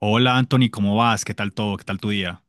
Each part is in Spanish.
Hola Anthony, ¿cómo vas? ¿Qué tal todo? ¿Qué tal tu día?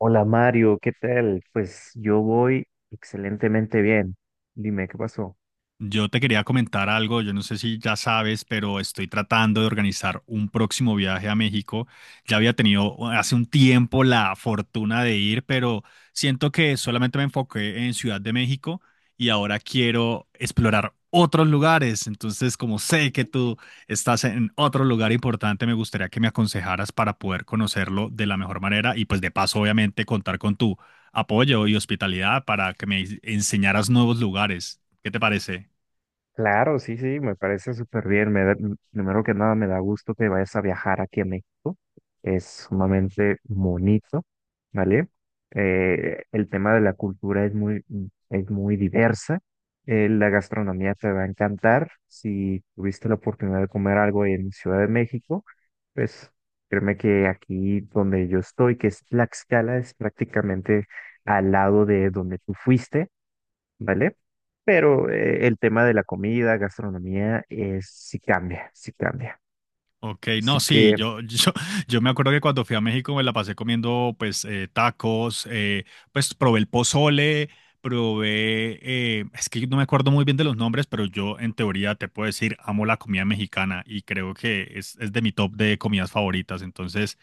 Hola Mario, ¿qué tal? Pues yo voy excelentemente bien. Dime, ¿qué pasó? Yo te quería comentar algo, yo no sé si ya sabes, pero estoy tratando de organizar un próximo viaje a México. Ya había tenido hace un tiempo la fortuna de ir, pero siento que solamente me enfoqué en Ciudad de México y ahora quiero explorar otros lugares. Entonces, como sé que tú estás en otro lugar importante, me gustaría que me aconsejaras para poder conocerlo de la mejor manera y pues de paso, obviamente, contar con tu apoyo y hospitalidad para que me enseñaras nuevos lugares. ¿Qué te parece? Claro, sí, sí, me parece súper bien. Primero que nada, me da gusto que vayas a viajar aquí a México. Es sumamente bonito, ¿vale? El tema de la cultura es muy diversa. La gastronomía te va a encantar. Si tuviste la oportunidad de comer algo en Ciudad de México, pues créeme que aquí donde yo estoy, que es Tlaxcala, es prácticamente al lado de donde tú fuiste, ¿vale? Pero el tema de la comida, gastronomía, es, sí cambia, sí cambia. Ok, Así no, sí, que, yo, yo me acuerdo que cuando fui a México me la pasé comiendo pues tacos, pues probé el pozole, probé, es que no me acuerdo muy bien de los nombres, pero yo en teoría te puedo decir, amo la comida mexicana y creo que es de mi top de comidas favoritas, entonces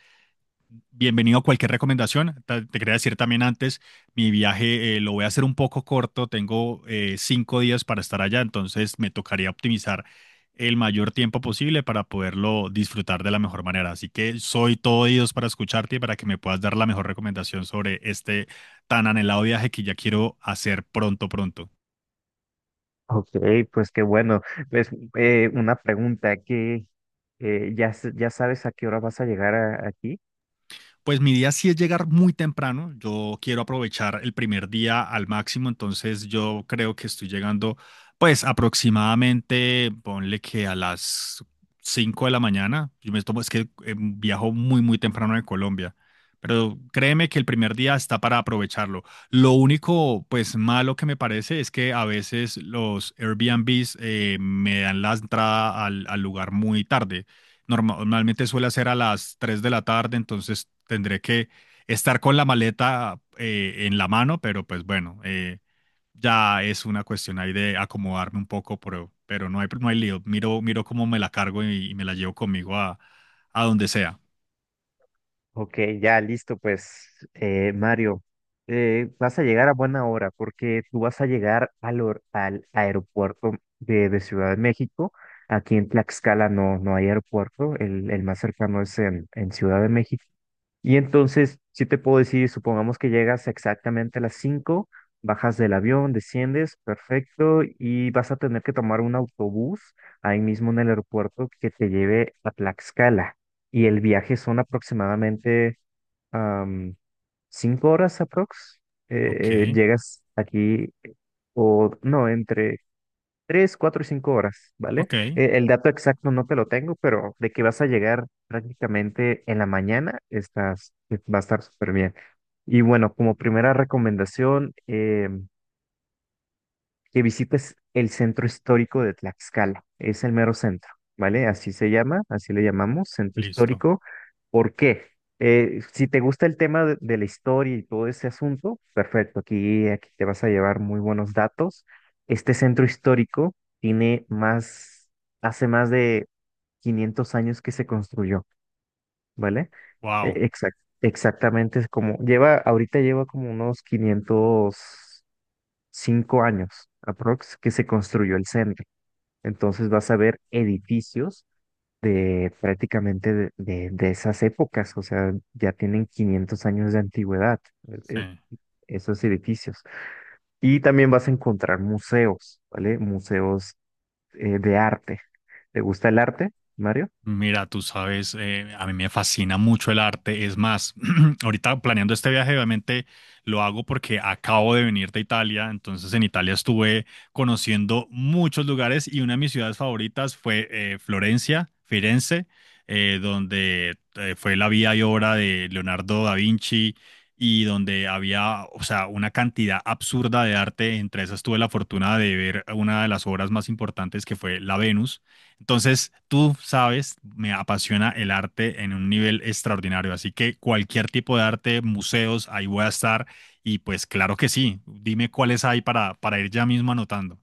bienvenido a cualquier recomendación. Te quería decir también antes, mi viaje lo voy a hacer un poco corto, tengo 5 días para estar allá, entonces me tocaría optimizar el mayor tiempo posible para poderlo disfrutar de la mejor manera. Así que soy todo oídos para escucharte y para que me puedas dar la mejor recomendación sobre este tan anhelado viaje que ya quiero hacer pronto, pronto. ok, pues qué bueno. Pues una pregunta que ya sabes a qué hora vas a llegar aquí. Pues mi día sí es llegar muy temprano. Yo quiero aprovechar el primer día al máximo, entonces yo creo que estoy llegando, pues aproximadamente, ponle que a las 5 de la mañana. Yo me tomo, es que viajo muy, muy temprano de Colombia. Pero créeme que el primer día está para aprovecharlo. Lo único, pues malo que me parece es que a veces los Airbnbs me dan la entrada al, al lugar muy tarde normalmente suele hacer a las 3 de la tarde, entonces tendré que estar con la maleta en la mano, pero pues bueno, ya es una cuestión ahí de acomodarme un poco, pero no hay lío. Miro cómo me la cargo y me la llevo conmigo a donde sea. Ok, ya listo, pues Mario, vas a llegar a buena hora porque tú vas a llegar al aeropuerto de Ciudad de México. Aquí en Tlaxcala no hay aeropuerto, el más cercano es en Ciudad de México. Y entonces, si te puedo decir, supongamos que llegas exactamente a las 5, bajas del avión, desciendes, perfecto, y vas a tener que tomar un autobús ahí mismo en el aeropuerto que te lleve a Tlaxcala. Y el viaje son aproximadamente am, 5 horas aprox, Ok, llegas aquí, o no, entre 3, 4 y 5 horas, ¿vale? ok, El dato exacto no te lo tengo, pero de que vas a llegar prácticamente en la mañana, va a estar súper bien. Y bueno, como primera recomendación, que visites el centro histórico de Tlaxcala. Es el mero centro, ¿vale? Así se llama, así le llamamos, centro listo. histórico. ¿Por qué? Si te gusta el tema de la historia y todo ese asunto, perfecto, aquí te vas a llevar muy buenos datos. Este centro histórico hace más de 500 años que se construyó, ¿vale? Wow, Exactamente, es como, ahorita lleva como unos 505 años aprox que se construyó el centro. Entonces vas a ver edificios de prácticamente de esas épocas, o sea, ya tienen 500 años de antigüedad eh, eh, sí. esos edificios. Y también vas a encontrar museos, ¿vale? Museos de arte. ¿Te gusta el arte, Mario? Mira, tú sabes, a mí me fascina mucho el arte. Es más, ahorita planeando este viaje, obviamente lo hago porque acabo de venir de Italia. Entonces, en Italia estuve conociendo muchos lugares y una de mis ciudades favoritas fue Florencia, Firenze, donde fue la vida y obra de Leonardo da Vinci y donde había, o sea, una cantidad absurda de arte. Entre esas tuve la fortuna de ver una de las obras más importantes que fue La Venus entonces, tú sabes, me apasiona el arte en un nivel extraordinario, así que cualquier tipo de arte, museos, ahí voy a estar y pues claro que sí, dime cuáles hay para ir ya mismo anotando.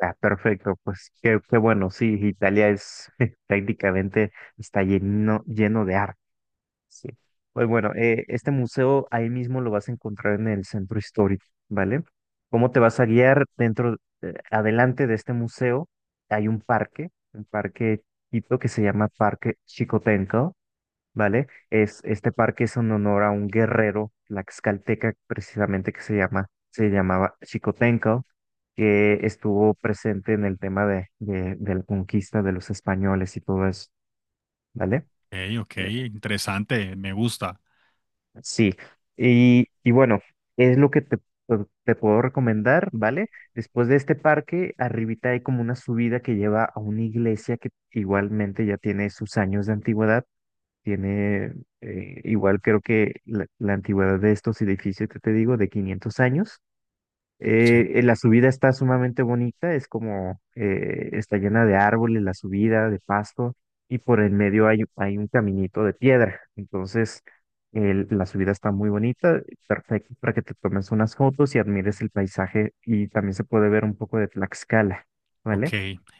Ah, perfecto, pues qué bueno, sí, Italia es prácticamente, está lleno, lleno de arte. Sí. Pues bueno, este museo ahí mismo lo vas a encontrar en el centro histórico, ¿vale? ¿Cómo te vas a guiar dentro, adelante de este museo? Hay un parque tipo que se llama Parque Chicotenco, ¿vale? Este parque es en honor a un guerrero tlaxcalteca precisamente que se llamaba Chicotenco, que estuvo presente en el tema de la conquista de los españoles y todo eso, ¿vale? Ok, ok, interesante, me gusta. Sí, y bueno, es lo que te puedo recomendar, ¿vale? Después de este parque, arribita hay como una subida que lleva a una iglesia que igualmente ya tiene sus años de antigüedad, tiene igual creo que la antigüedad de estos edificios que te digo, de 500 años. Sí. La subida está sumamente bonita, es como, está llena de árboles, la subida, de pasto, y por el medio hay un caminito de piedra. Entonces, la subida está muy bonita, perfecto para que te tomes unas fotos y admires el paisaje, y también se puede ver un poco de Tlaxcala, Ok. ¿vale?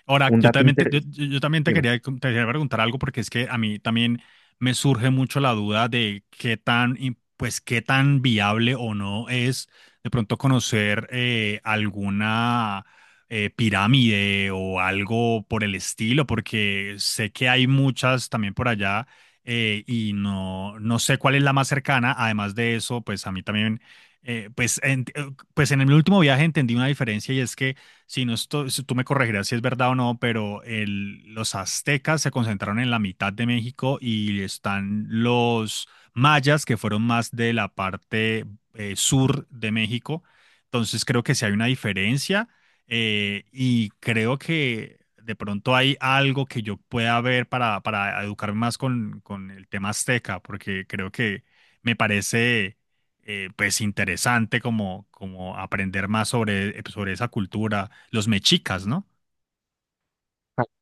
Ahora, Un yo dato también te, yo, interesante. Yo también te quería, preguntar algo porque es que a mí también me surge mucho la duda de qué tan, pues, qué tan viable o no es de pronto conocer alguna pirámide o algo por el estilo, porque sé que hay muchas también por allá y no sé cuál es la más cercana. Además de eso, pues a mí también, pues en el último viaje entendí una diferencia y es que si tú me corregirás si es verdad o no, pero los aztecas se concentraron en la mitad de México y están los mayas que fueron más de la parte sur de México. Entonces creo que sí hay una diferencia, y creo que de pronto hay algo que yo pueda ver para educarme más con el tema azteca, porque creo que me parece pues interesante como, como aprender más sobre, sobre esa cultura los mechicas, ¿no?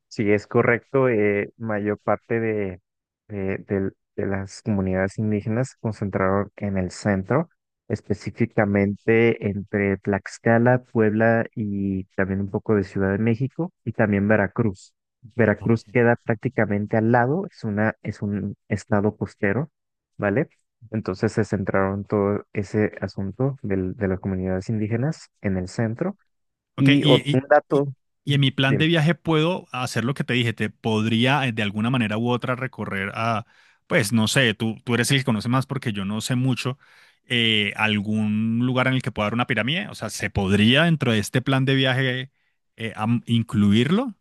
Sí, es correcto. Mayor parte de las comunidades indígenas se concentraron en el centro, específicamente entre Tlaxcala, Puebla y también un poco de Ciudad de México y también Veracruz. Ok. Veracruz queda prácticamente al lado, es un estado costero, ¿vale? Entonces se centraron todo ese asunto de las comunidades indígenas en el centro. Ok, Y un y- dato. y en mi plan Dime. de viaje puedo hacer lo que te dije, te podría de alguna manera u otra recorrer a, pues no sé, tú eres el que conoce más porque yo no sé mucho, algún lugar en el que pueda haber una pirámide, o sea, ¿se podría dentro de este plan de viaje incluirlo?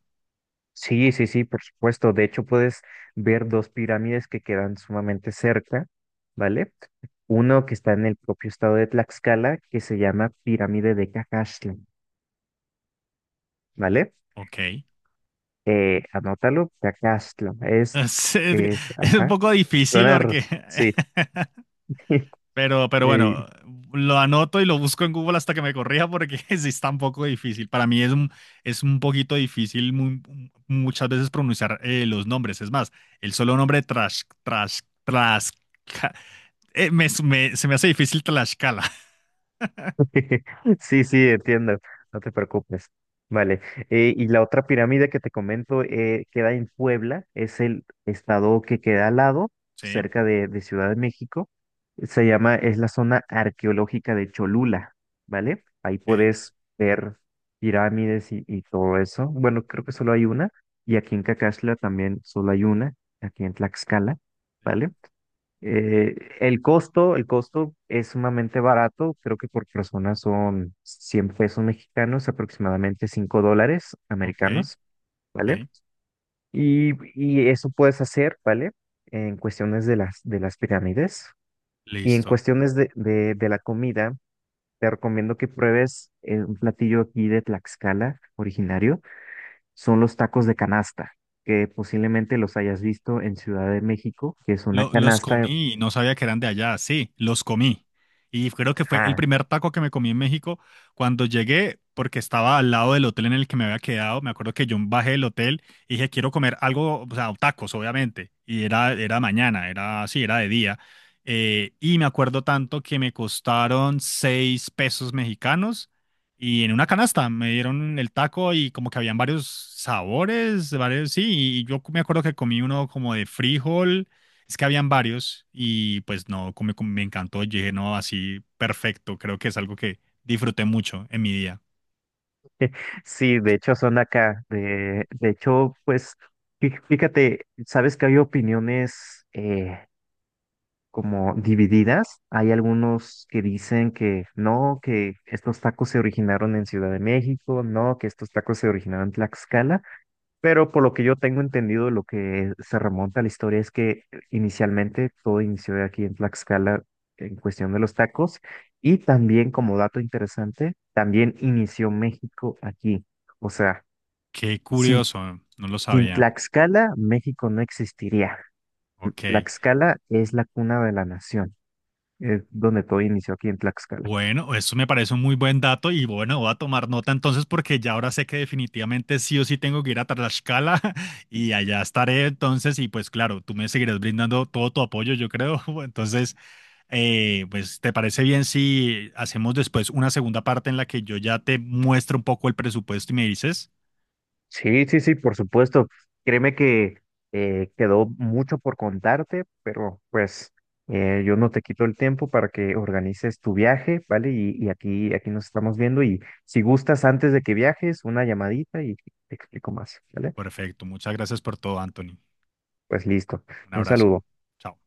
Sí, sí, sí, por supuesto. De hecho, puedes ver dos pirámides que quedan sumamente cerca, ¿vale? Uno que está en el propio estado de Tlaxcala, que se llama Pirámide de Cacaxtla, ¿vale? Ok. Anótalo, Cacaxtla. Es, es un Ajá, poco difícil sonar, porque sí. Pero Eh, bueno, lo anoto y lo busco en Google hasta que me corrija porque sí está un poco difícil. Para mí es un, poquito difícil muchas veces pronunciar los nombres. Es más, el solo nombre Trash, Trash, Trash, se me hace difícil Tlaxcala. Sí, sí, entiendo, no te preocupes. Vale, y la otra pirámide que te comento queda en Puebla, es el estado que queda al lado, Sí, cerca de Ciudad de México. Es la zona arqueológica de Cholula, ¿vale? Ahí ok, puedes ver pirámides y todo eso. Bueno, creo que solo hay una, y aquí en Cacaxla también solo hay una, aquí en Tlaxcala, sí, ¿vale? El costo, el costo es sumamente barato, creo que por persona son 100 pesos mexicanos, aproximadamente cinco dólares ok, americanos, ¿vale? ok, Y eso puedes hacer, ¿vale? En cuestiones de las pirámides y en listo. cuestiones de la comida, te recomiendo que pruebes un platillo aquí de Tlaxcala, originario, son los tacos de canasta, que posiblemente los hayas visto en Ciudad de México, que es una Los canasta. comí y no sabía que eran de allá. Sí, los comí. Y creo que fue el Ajá, primer taco que me comí en México cuando llegué, porque estaba al lado del hotel en el que me había quedado. Me acuerdo que yo bajé del hotel y dije, quiero comer algo, o sea, tacos, obviamente. Y era, era mañana, era, sí, era de día. Y me acuerdo tanto que me costaron 6 pesos mexicanos y en una canasta me dieron el taco y como que habían varios sabores, varios, sí. Y yo me acuerdo que comí uno como de frijol es que habían varios y pues no, como, como me encantó, yo dije, no, así perfecto, creo que es algo que disfruté mucho en mi día. sí, de hecho son de acá. De hecho, pues, fíjate, sabes que hay opiniones como divididas. Hay algunos que dicen que no, que estos tacos se originaron en Ciudad de México, no, que estos tacos se originaron en Tlaxcala. Pero por lo que yo tengo entendido, lo que se remonta a la historia es que inicialmente todo inició aquí en Tlaxcala en cuestión de los tacos y también como dato interesante, también inició México aquí. O sea, Qué sin, curioso, no lo sin sabía. Tlaxcala, México no existiría. Ok, Tlaxcala es la cuna de la nación, es donde todo inició aquí en Tlaxcala. bueno, eso me parece un muy buen dato y bueno, voy a tomar nota entonces porque ya ahora sé que definitivamente sí o sí tengo que ir a Tlaxcala y allá estaré entonces y pues claro, tú me seguirás brindando todo tu apoyo, yo creo. Entonces, pues, ¿te parece bien si hacemos después una segunda parte en la que yo ya te muestro un poco el presupuesto y me dices? Sí, sí, sí, por supuesto. Créeme que quedó mucho por contarte, pero pues yo no te quito el tiempo para que organices tu viaje, ¿vale? Y aquí nos estamos viendo y si gustas antes de que viajes, una llamadita y te explico más, ¿vale? Perfecto. Muchas gracias por todo, Anthony. Pues listo. Un Un abrazo. saludo. Chao.